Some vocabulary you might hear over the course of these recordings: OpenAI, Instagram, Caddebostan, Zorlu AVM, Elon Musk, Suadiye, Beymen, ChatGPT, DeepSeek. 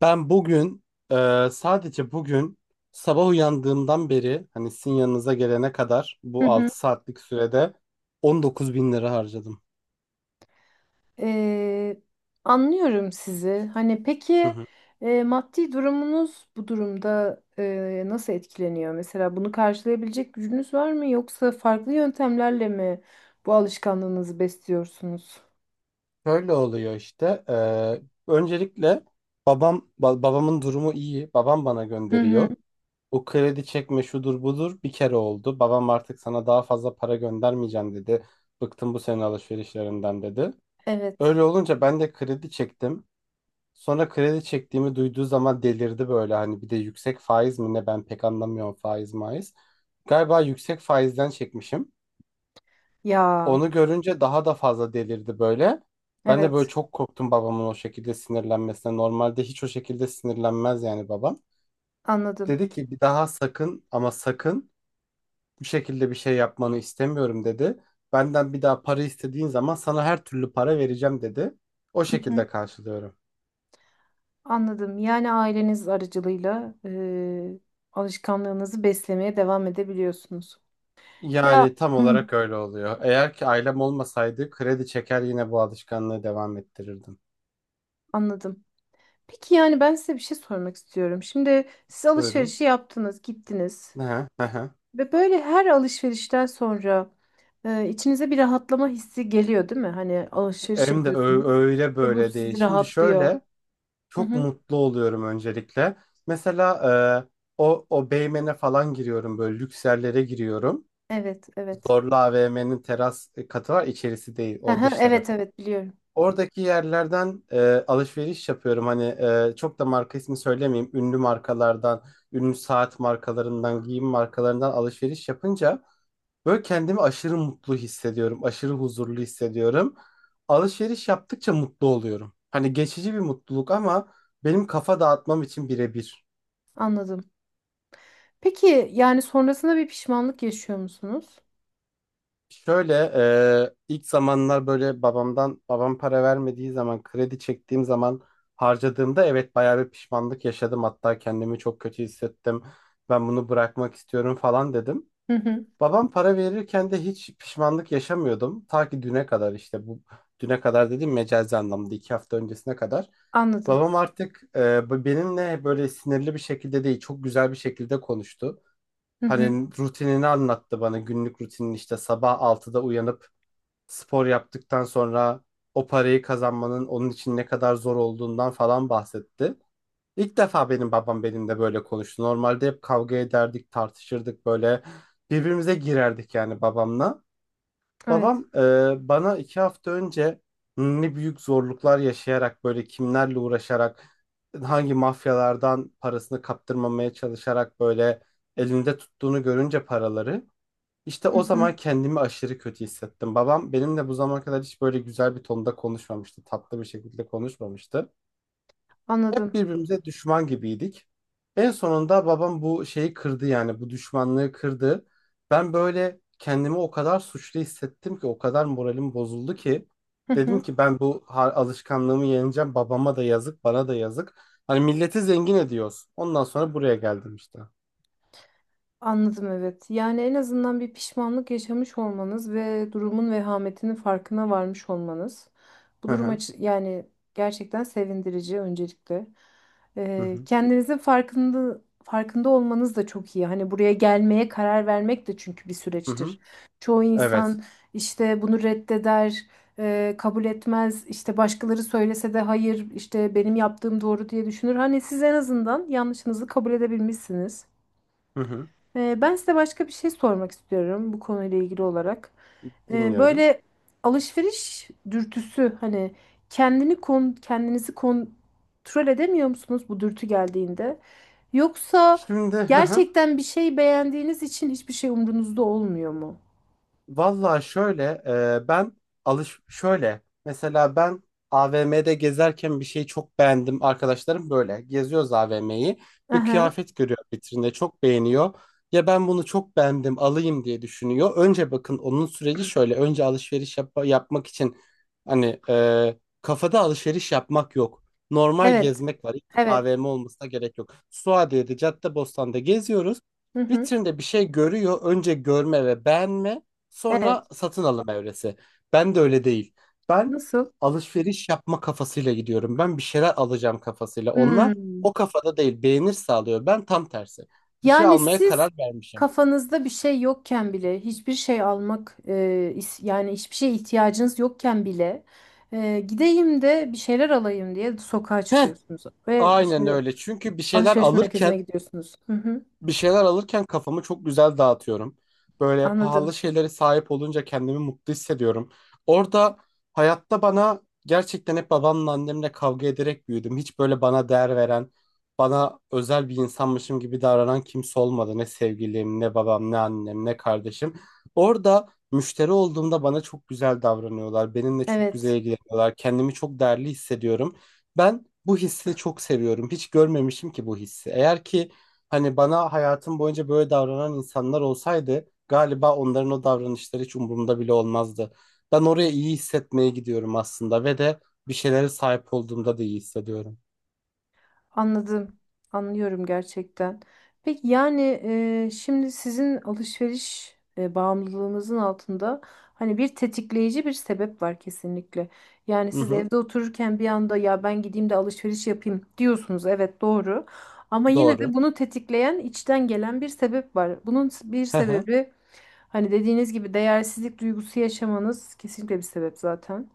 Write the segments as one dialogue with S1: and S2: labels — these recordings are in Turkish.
S1: Ben bugün sadece bugün sabah uyandığımdan beri hani sizin yanınıza gelene kadar
S2: Hı
S1: bu
S2: hı.
S1: 6 saatlik sürede 19 bin lira harcadım.
S2: Ee, Anlıyorum sizi. Hani
S1: Hı
S2: peki
S1: hı.
S2: maddi durumunuz bu durumda nasıl etkileniyor? Mesela bunu karşılayabilecek gücünüz var mı? Yoksa farklı yöntemlerle mi bu alışkanlığınızı besliyorsunuz?
S1: Şöyle oluyor işte. Öncelikle babam babamın durumu iyi. Babam bana
S2: Hı hı.
S1: gönderiyor. O kredi çekme şudur budur bir kere oldu. Babam artık sana daha fazla para göndermeyeceğim dedi. Bıktım bu senin alışverişlerinden dedi.
S2: Evet.
S1: Öyle olunca ben de kredi çektim. Sonra kredi çektiğimi duyduğu zaman delirdi böyle, hani bir de yüksek faiz mi ne, ben pek anlamıyorum faiz maiz. Galiba yüksek faizden çekmişim.
S2: Ya,
S1: Onu görünce daha da fazla delirdi böyle. Ben de böyle
S2: evet,
S1: çok korktum babamın o şekilde sinirlenmesine. Normalde hiç o şekilde sinirlenmez yani babam.
S2: anladım.
S1: Dedi ki bir daha sakın, ama sakın bu şekilde bir şey yapmanı istemiyorum dedi. Benden bir daha para istediğin zaman sana her türlü para vereceğim dedi. O
S2: Hı hı.
S1: şekilde karşılıyorum.
S2: Anladım. Yani aileniz aracılığıyla alışkanlığınızı beslemeye devam edebiliyorsunuz. Ya
S1: Yani tam
S2: hı.
S1: olarak öyle oluyor. Eğer ki ailem olmasaydı kredi çeker yine bu alışkanlığı devam ettirirdim.
S2: Anladım. Peki yani ben size bir şey sormak istiyorum. Şimdi siz
S1: Buyurun.
S2: alışverişi yaptınız, gittiniz
S1: Aha, aha.
S2: ve böyle her alışverişten sonra içinize bir rahatlama hissi geliyor, değil mi? Hani alışveriş
S1: Hem de
S2: yapıyorsunuz
S1: öyle
S2: ve bu
S1: böyle değil.
S2: sizi
S1: Şimdi
S2: rahatlıyor.
S1: şöyle,
S2: Hı
S1: çok
S2: hı.
S1: mutlu oluyorum öncelikle. Mesela e, o Beymen'e falan giriyorum, böyle lüks yerlere giriyorum.
S2: Evet, evet.
S1: Zorlu AVM'nin teras katı var, içerisi değil o
S2: Aha,
S1: dış
S2: evet,
S1: tarafı.
S2: evet biliyorum.
S1: Oradaki yerlerden alışveriş yapıyorum. Hani çok da marka ismi söylemeyeyim. Ünlü markalardan, ünlü saat markalarından, giyim markalarından alışveriş yapınca böyle kendimi aşırı mutlu hissediyorum. Aşırı huzurlu hissediyorum. Alışveriş yaptıkça mutlu oluyorum. Hani geçici bir mutluluk ama benim kafa dağıtmam için birebir.
S2: Anladım. Peki yani sonrasında bir pişmanlık yaşıyor musunuz?
S1: Şöyle, ilk zamanlar, böyle babamdan, babam para vermediği zaman, kredi çektiğim zaman harcadığımda evet bayağı bir pişmanlık yaşadım. Hatta kendimi çok kötü hissettim. Ben bunu bırakmak istiyorum falan dedim.
S2: Hı hı.
S1: Babam para verirken de hiç pişmanlık yaşamıyordum. Ta ki düne kadar, işte bu düne kadar dedim, mecazi anlamda 2 hafta öncesine kadar.
S2: Anladım.
S1: Babam artık benimle böyle sinirli bir şekilde değil, çok güzel bir şekilde konuştu.
S2: Hı hı.
S1: Hani rutinini anlattı bana, günlük rutinin işte sabah 6'da uyanıp spor yaptıktan sonra o parayı kazanmanın onun için ne kadar zor olduğundan falan bahsetti. İlk defa benim babam benimle böyle konuştu. Normalde hep kavga ederdik, tartışırdık, böyle birbirimize girerdik yani babamla.
S2: Evet.
S1: Babam bana 2 hafta önce ne büyük zorluklar yaşayarak, böyle kimlerle uğraşarak, hangi mafyalardan parasını kaptırmamaya çalışarak böyle elinde tuttuğunu görünce paraları, işte
S2: Hı
S1: o
S2: hı.
S1: zaman kendimi aşırı kötü hissettim. Babam benimle bu zamana kadar hiç böyle güzel bir tonda konuşmamıştı. Tatlı bir şekilde konuşmamıştı. Hep
S2: Anladım.
S1: birbirimize düşman gibiydik. En sonunda babam bu şeyi kırdı, yani bu düşmanlığı kırdı. Ben böyle kendimi o kadar suçlu hissettim ki, o kadar moralim bozuldu ki
S2: Hı
S1: dedim
S2: hı.
S1: ki ben bu alışkanlığımı yeneceğim. Babama da yazık, bana da yazık. Hani milleti zengin ediyoruz. Ondan sonra buraya geldim işte.
S2: Anladım evet. Yani en azından bir pişmanlık yaşamış olmanız ve durumun vehametinin farkına varmış olmanız. Bu
S1: Hı
S2: durum
S1: hı.
S2: yani gerçekten sevindirici öncelikle.
S1: Hı hı.
S2: Kendinizin farkında olmanız da çok iyi. Hani buraya gelmeye karar vermek de çünkü bir
S1: Hı hı.
S2: süreçtir. Çoğu
S1: Evet.
S2: insan işte bunu reddeder, kabul etmez. İşte başkaları söylese de hayır, işte benim yaptığım doğru diye düşünür. Hani siz en azından yanlışınızı kabul edebilmişsiniz.
S1: Hı hı.
S2: Ben size başka bir şey sormak istiyorum bu konuyla ilgili olarak.
S1: Dinliyorum.
S2: Böyle alışveriş dürtüsü hani kendinizi kontrol edemiyor musunuz bu dürtü geldiğinde? Yoksa
S1: Şimdi, hı hı.
S2: gerçekten bir şey beğendiğiniz için hiçbir şey umrunuzda olmuyor mu?
S1: Vallahi şöyle, ben şöyle, mesela ben AVM'de gezerken bir şeyi çok beğendim, arkadaşlarım, böyle geziyoruz AVM'yi, bir
S2: Aha,
S1: kıyafet görüyor vitrinde, çok beğeniyor, ya ben bunu çok beğendim alayım diye düşünüyor. Önce, bakın, onun süreci şöyle: önce alışveriş yapmak için, hani kafada alışveriş yapmak yok, normal
S2: evet,
S1: gezmek var. Hiç
S2: evet.
S1: AVM olmasına gerek yok, Suadiye'de, Caddebostan'da geziyoruz,
S2: Hı hı,
S1: vitrinde bir şey görüyor, önce görme ve beğenme. Sonra
S2: evet.
S1: satın alım evresi. Ben de öyle değil. Ben
S2: Nasıl?
S1: alışveriş yapma kafasıyla gidiyorum. Ben bir şeyler alacağım kafasıyla. Onlar
S2: Hmm.
S1: o kafada değil. Beğenir sağlıyor. Ben tam tersi. Bir şey
S2: Yani
S1: almaya
S2: siz
S1: karar vermişim.
S2: kafanızda bir şey yokken bile hiçbir şey almak, yani hiçbir şeye ihtiyacınız yokken bile gideyim de bir şeyler alayım diye sokağa
S1: Heh,
S2: çıkıyorsunuz ve bir
S1: aynen
S2: şeyler
S1: öyle. Çünkü bir şeyler
S2: alışveriş
S1: alırken
S2: merkezine gidiyorsunuz. Hı hı,
S1: kafamı çok güzel dağıtıyorum. Böyle
S2: anladım.
S1: pahalı şeylere sahip olunca kendimi mutlu hissediyorum. Orada, hayatta bana, gerçekten hep babamla annemle kavga ederek büyüdüm. Hiç böyle bana değer veren, bana özel bir insanmışım gibi davranan kimse olmadı. Ne sevgilim, ne babam, ne annem, ne kardeşim. Orada müşteri olduğumda bana çok güzel davranıyorlar. Benimle çok güzel
S2: Evet.
S1: ilgileniyorlar. Kendimi çok değerli hissediyorum. Ben bu hissi çok seviyorum. Hiç görmemişim ki bu hissi. Eğer ki, hani bana hayatım boyunca böyle davranan insanlar olsaydı galiba onların o davranışları hiç umurumda bile olmazdı. Ben oraya iyi hissetmeye gidiyorum aslında, ve de bir şeylere sahip olduğumda da iyi hissediyorum.
S2: Anladım. Anlıyorum gerçekten. Peki yani şimdi sizin alışveriş bağımlılığınızın altında hani bir tetikleyici bir sebep var kesinlikle. Yani
S1: Hı
S2: siz
S1: hı,
S2: evde otururken bir anda ya ben gideyim de alışveriş yapayım diyorsunuz. Evet doğru. Ama yine
S1: doğru.
S2: de bunu tetikleyen içten gelen bir sebep var. Bunun bir
S1: Hı hı,
S2: sebebi hani dediğiniz gibi değersizlik duygusu yaşamanız kesinlikle bir sebep zaten.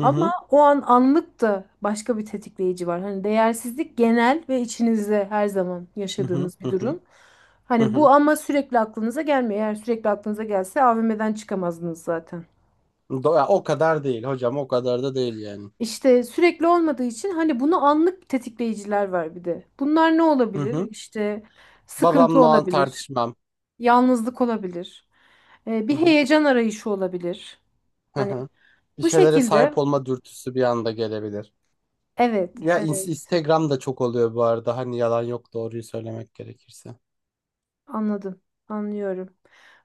S1: hı
S2: Ama
S1: hı,
S2: o an anlık da başka bir tetikleyici var. Hani değersizlik genel ve içinizde her zaman
S1: hı hı,
S2: yaşadığınız
S1: hı
S2: bir
S1: hı.
S2: durum.
S1: Hı
S2: Hani bu
S1: hı.
S2: ama sürekli aklınıza gelmiyor. Eğer sürekli aklınıza gelse AVM'den çıkamazdınız zaten.
S1: Ya, o kadar değil hocam, o kadar da değil yani.
S2: İşte sürekli olmadığı için hani bunu anlık tetikleyiciler var bir de. Bunlar ne
S1: Hı
S2: olabilir?
S1: hı.
S2: İşte sıkıntı
S1: Babamla o an
S2: olabilir,
S1: tartışmam.
S2: yalnızlık olabilir,
S1: Hı
S2: bir
S1: hı,
S2: heyecan arayışı olabilir.
S1: hı
S2: Hani
S1: hı. Bir
S2: bu
S1: şeylere sahip
S2: şekilde
S1: olma dürtüsü bir anda gelebilir.
S2: evet,
S1: Ya,
S2: evet.
S1: Instagram'da çok oluyor bu arada. Hani yalan yok, doğruyu söylemek gerekirse.
S2: Anladım, anlıyorum.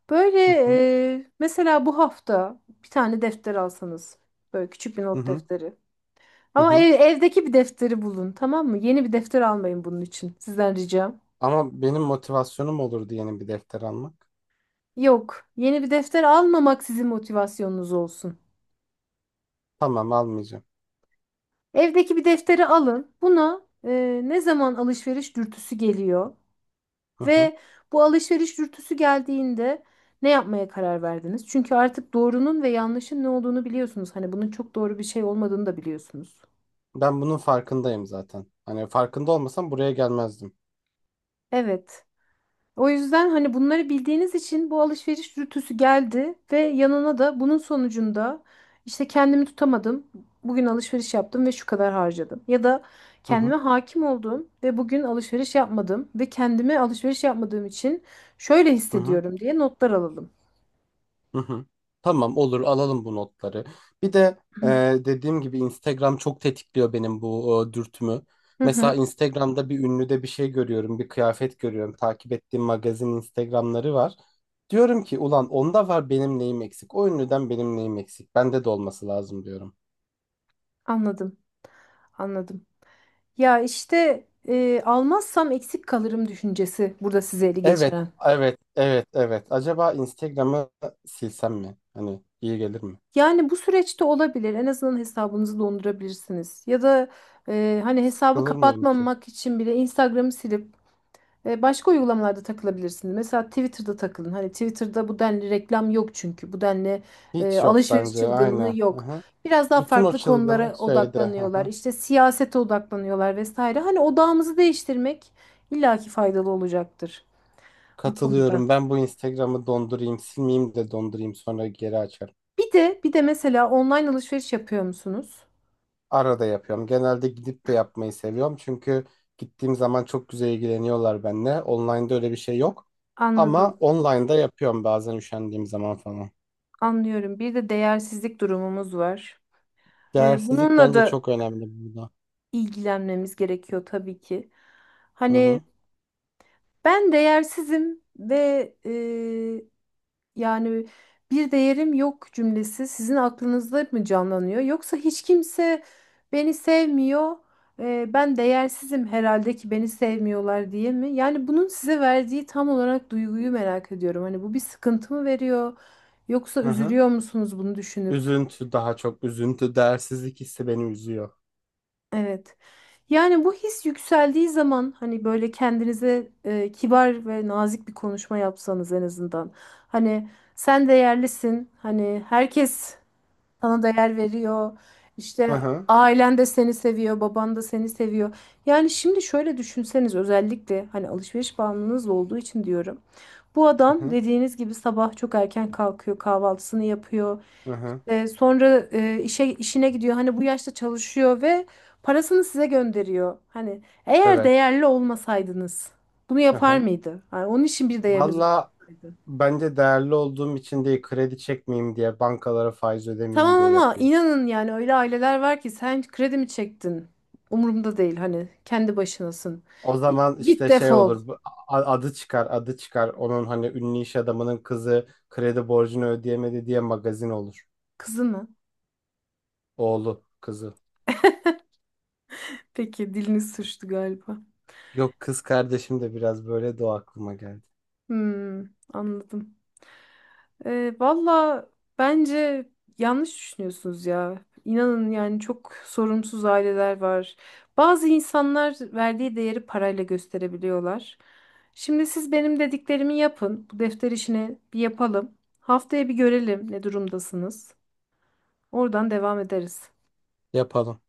S2: Böyle,
S1: Hı hı.
S2: mesela bu hafta bir tane defter alsanız, böyle küçük bir
S1: Hı
S2: not
S1: hı,
S2: defteri.
S1: hı
S2: Ama
S1: hı.
S2: evdeki bir defteri bulun, tamam mı? Yeni bir defter almayın bunun için, sizden ricam.
S1: Ama benim motivasyonum olurdu yeni bir defter almak.
S2: Yok, yeni bir defter almamak sizin motivasyonunuz olsun.
S1: Tamam, almayacağım.
S2: Evdeki bir defteri alın. Buna, ne zaman alışveriş dürtüsü geliyor?
S1: Hı hı.
S2: Ve bu alışveriş dürtüsü geldiğinde ne yapmaya karar verdiniz? Çünkü artık doğrunun ve yanlışın ne olduğunu biliyorsunuz. Hani bunun çok doğru bir şey olmadığını da biliyorsunuz.
S1: Ben bunun farkındayım zaten. Hani farkında olmasam buraya gelmezdim.
S2: Evet. O yüzden hani bunları bildiğiniz için bu alışveriş dürtüsü geldi ve yanına da bunun sonucunda işte kendimi tutamadım. Bugün alışveriş yaptım ve şu kadar harcadım. Ya da
S1: Hı hı,
S2: kendime hakim oldum ve bugün alışveriş yapmadım ve kendime alışveriş yapmadığım için şöyle
S1: hı hı,
S2: hissediyorum diye notlar alalım.
S1: hı hı. Tamam, olur, alalım bu notları. Bir de
S2: Hı
S1: dediğim gibi Instagram çok tetikliyor benim bu dürtümü.
S2: hı,
S1: Mesela
S2: hı,
S1: Instagram'da bir ünlüde bir şey görüyorum, bir kıyafet görüyorum. Takip ettiğim magazin Instagram'ları var. Diyorum ki ulan onda var, benim neyim eksik? O ünlüden benim neyim eksik? Bende de olması lazım diyorum.
S2: anladım. Anladım. Ya işte, almazsam eksik kalırım düşüncesi burada sizi ele
S1: Evet,
S2: geçiren.
S1: evet, evet, evet. Acaba Instagram'ı silsem mi? Hani iyi gelir mi?
S2: Yani bu süreçte olabilir. En azından hesabınızı dondurabilirsiniz. Ya da hani hesabı
S1: Sıkılır mıyım ki?
S2: kapatmamak için bile Instagram'ı silip başka uygulamalarda takılabilirsiniz. Mesela Twitter'da takılın. Hani Twitter'da bu denli reklam yok çünkü. Bu denli
S1: Hiç yok
S2: alışveriş
S1: bence.
S2: çılgınlığı
S1: Aynen.
S2: yok.
S1: Aha.
S2: Biraz daha
S1: Bütün o
S2: farklı
S1: çılgınlık
S2: konulara
S1: şeyde.
S2: odaklanıyorlar.
S1: Aha.
S2: İşte siyasete odaklanıyorlar vesaire. Hani odağımızı değiştirmek illaki faydalı olacaktır bu konuda.
S1: Katılıyorum. Ben bu Instagram'ı dondurayım, silmeyeyim de dondurayım, sonra geri açarım.
S2: Bir de mesela online alışveriş yapıyor musunuz?
S1: Arada yapıyorum. Genelde gidip de yapmayı seviyorum. Çünkü gittiğim zaman çok güzel ilgileniyorlar benimle. Online'da öyle bir şey yok.
S2: Anladım.
S1: Ama online'da yapıyorum bazen, üşendiğim zaman falan.
S2: Anlıyorum. Bir de değersizlik durumumuz var.
S1: Değersizlik
S2: Bununla
S1: bence
S2: da
S1: çok önemli burada.
S2: ilgilenmemiz gerekiyor tabii ki.
S1: Hı
S2: Hani
S1: hı.
S2: ben değersizim ve, yani bir değerim yok cümlesi sizin aklınızda mı canlanıyor? Yoksa hiç kimse beni sevmiyor, ben değersizim herhalde ki beni sevmiyorlar diye mi? Yani bunun size verdiği tam olarak duyguyu merak ediyorum. Hani bu bir sıkıntı mı veriyor? Yoksa
S1: Hı hı.
S2: üzülüyor musunuz bunu düşünüp?
S1: Üzüntü, daha çok üzüntü, değersizlik hissi beni üzüyor.
S2: Evet. Yani bu his yükseldiği zaman hani böyle kendinize kibar ve nazik bir konuşma yapsanız en azından. Hani sen değerlisin. Hani herkes sana değer veriyor. İşte
S1: Hı hı,
S2: ailen de seni seviyor, baban da seni seviyor. Yani şimdi şöyle düşünseniz, özellikle hani alışveriş bağımlılığınız olduğu için diyorum. Bu
S1: hı
S2: adam
S1: hı,
S2: dediğiniz gibi sabah çok erken kalkıyor, kahvaltısını yapıyor.
S1: hı hı.
S2: Sonra işine gidiyor. Hani bu yaşta çalışıyor ve parasını size gönderiyor. Hani eğer
S1: Evet.
S2: değerli olmasaydınız bunu
S1: Hı
S2: yapar
S1: hı.
S2: mıydı? Yani onun için bir değeriniz
S1: Valla
S2: olsaydı.
S1: bence değerli olduğum için değil, kredi çekmeyeyim diye, bankalara faiz ödemeyeyim
S2: Tamam
S1: diye
S2: ama
S1: yapıyor.
S2: inanın yani öyle aileler var ki sen kredi mi çektin? Umurumda değil hani kendi başınasın.
S1: O
S2: Git,
S1: zaman
S2: git
S1: işte şey
S2: defol.
S1: olur adı çıkar, onun hani, ünlü iş adamının kızı kredi borcunu ödeyemedi diye magazin olur.
S2: Kızı mı?
S1: Oğlu kızı.
S2: Peki dilini sürçtü galiba.
S1: Yok, kız kardeşim de biraz böyle, de o aklıma geldi.
S2: Hmm, anladım. Valla bence yanlış düşünüyorsunuz ya. İnanın yani çok sorumsuz aileler var. Bazı insanlar verdiği değeri parayla gösterebiliyorlar. Şimdi siz benim dediklerimi yapın. Bu defter işini bir yapalım. Haftaya bir görelim ne durumdasınız. Oradan devam ederiz.
S1: Yapalım.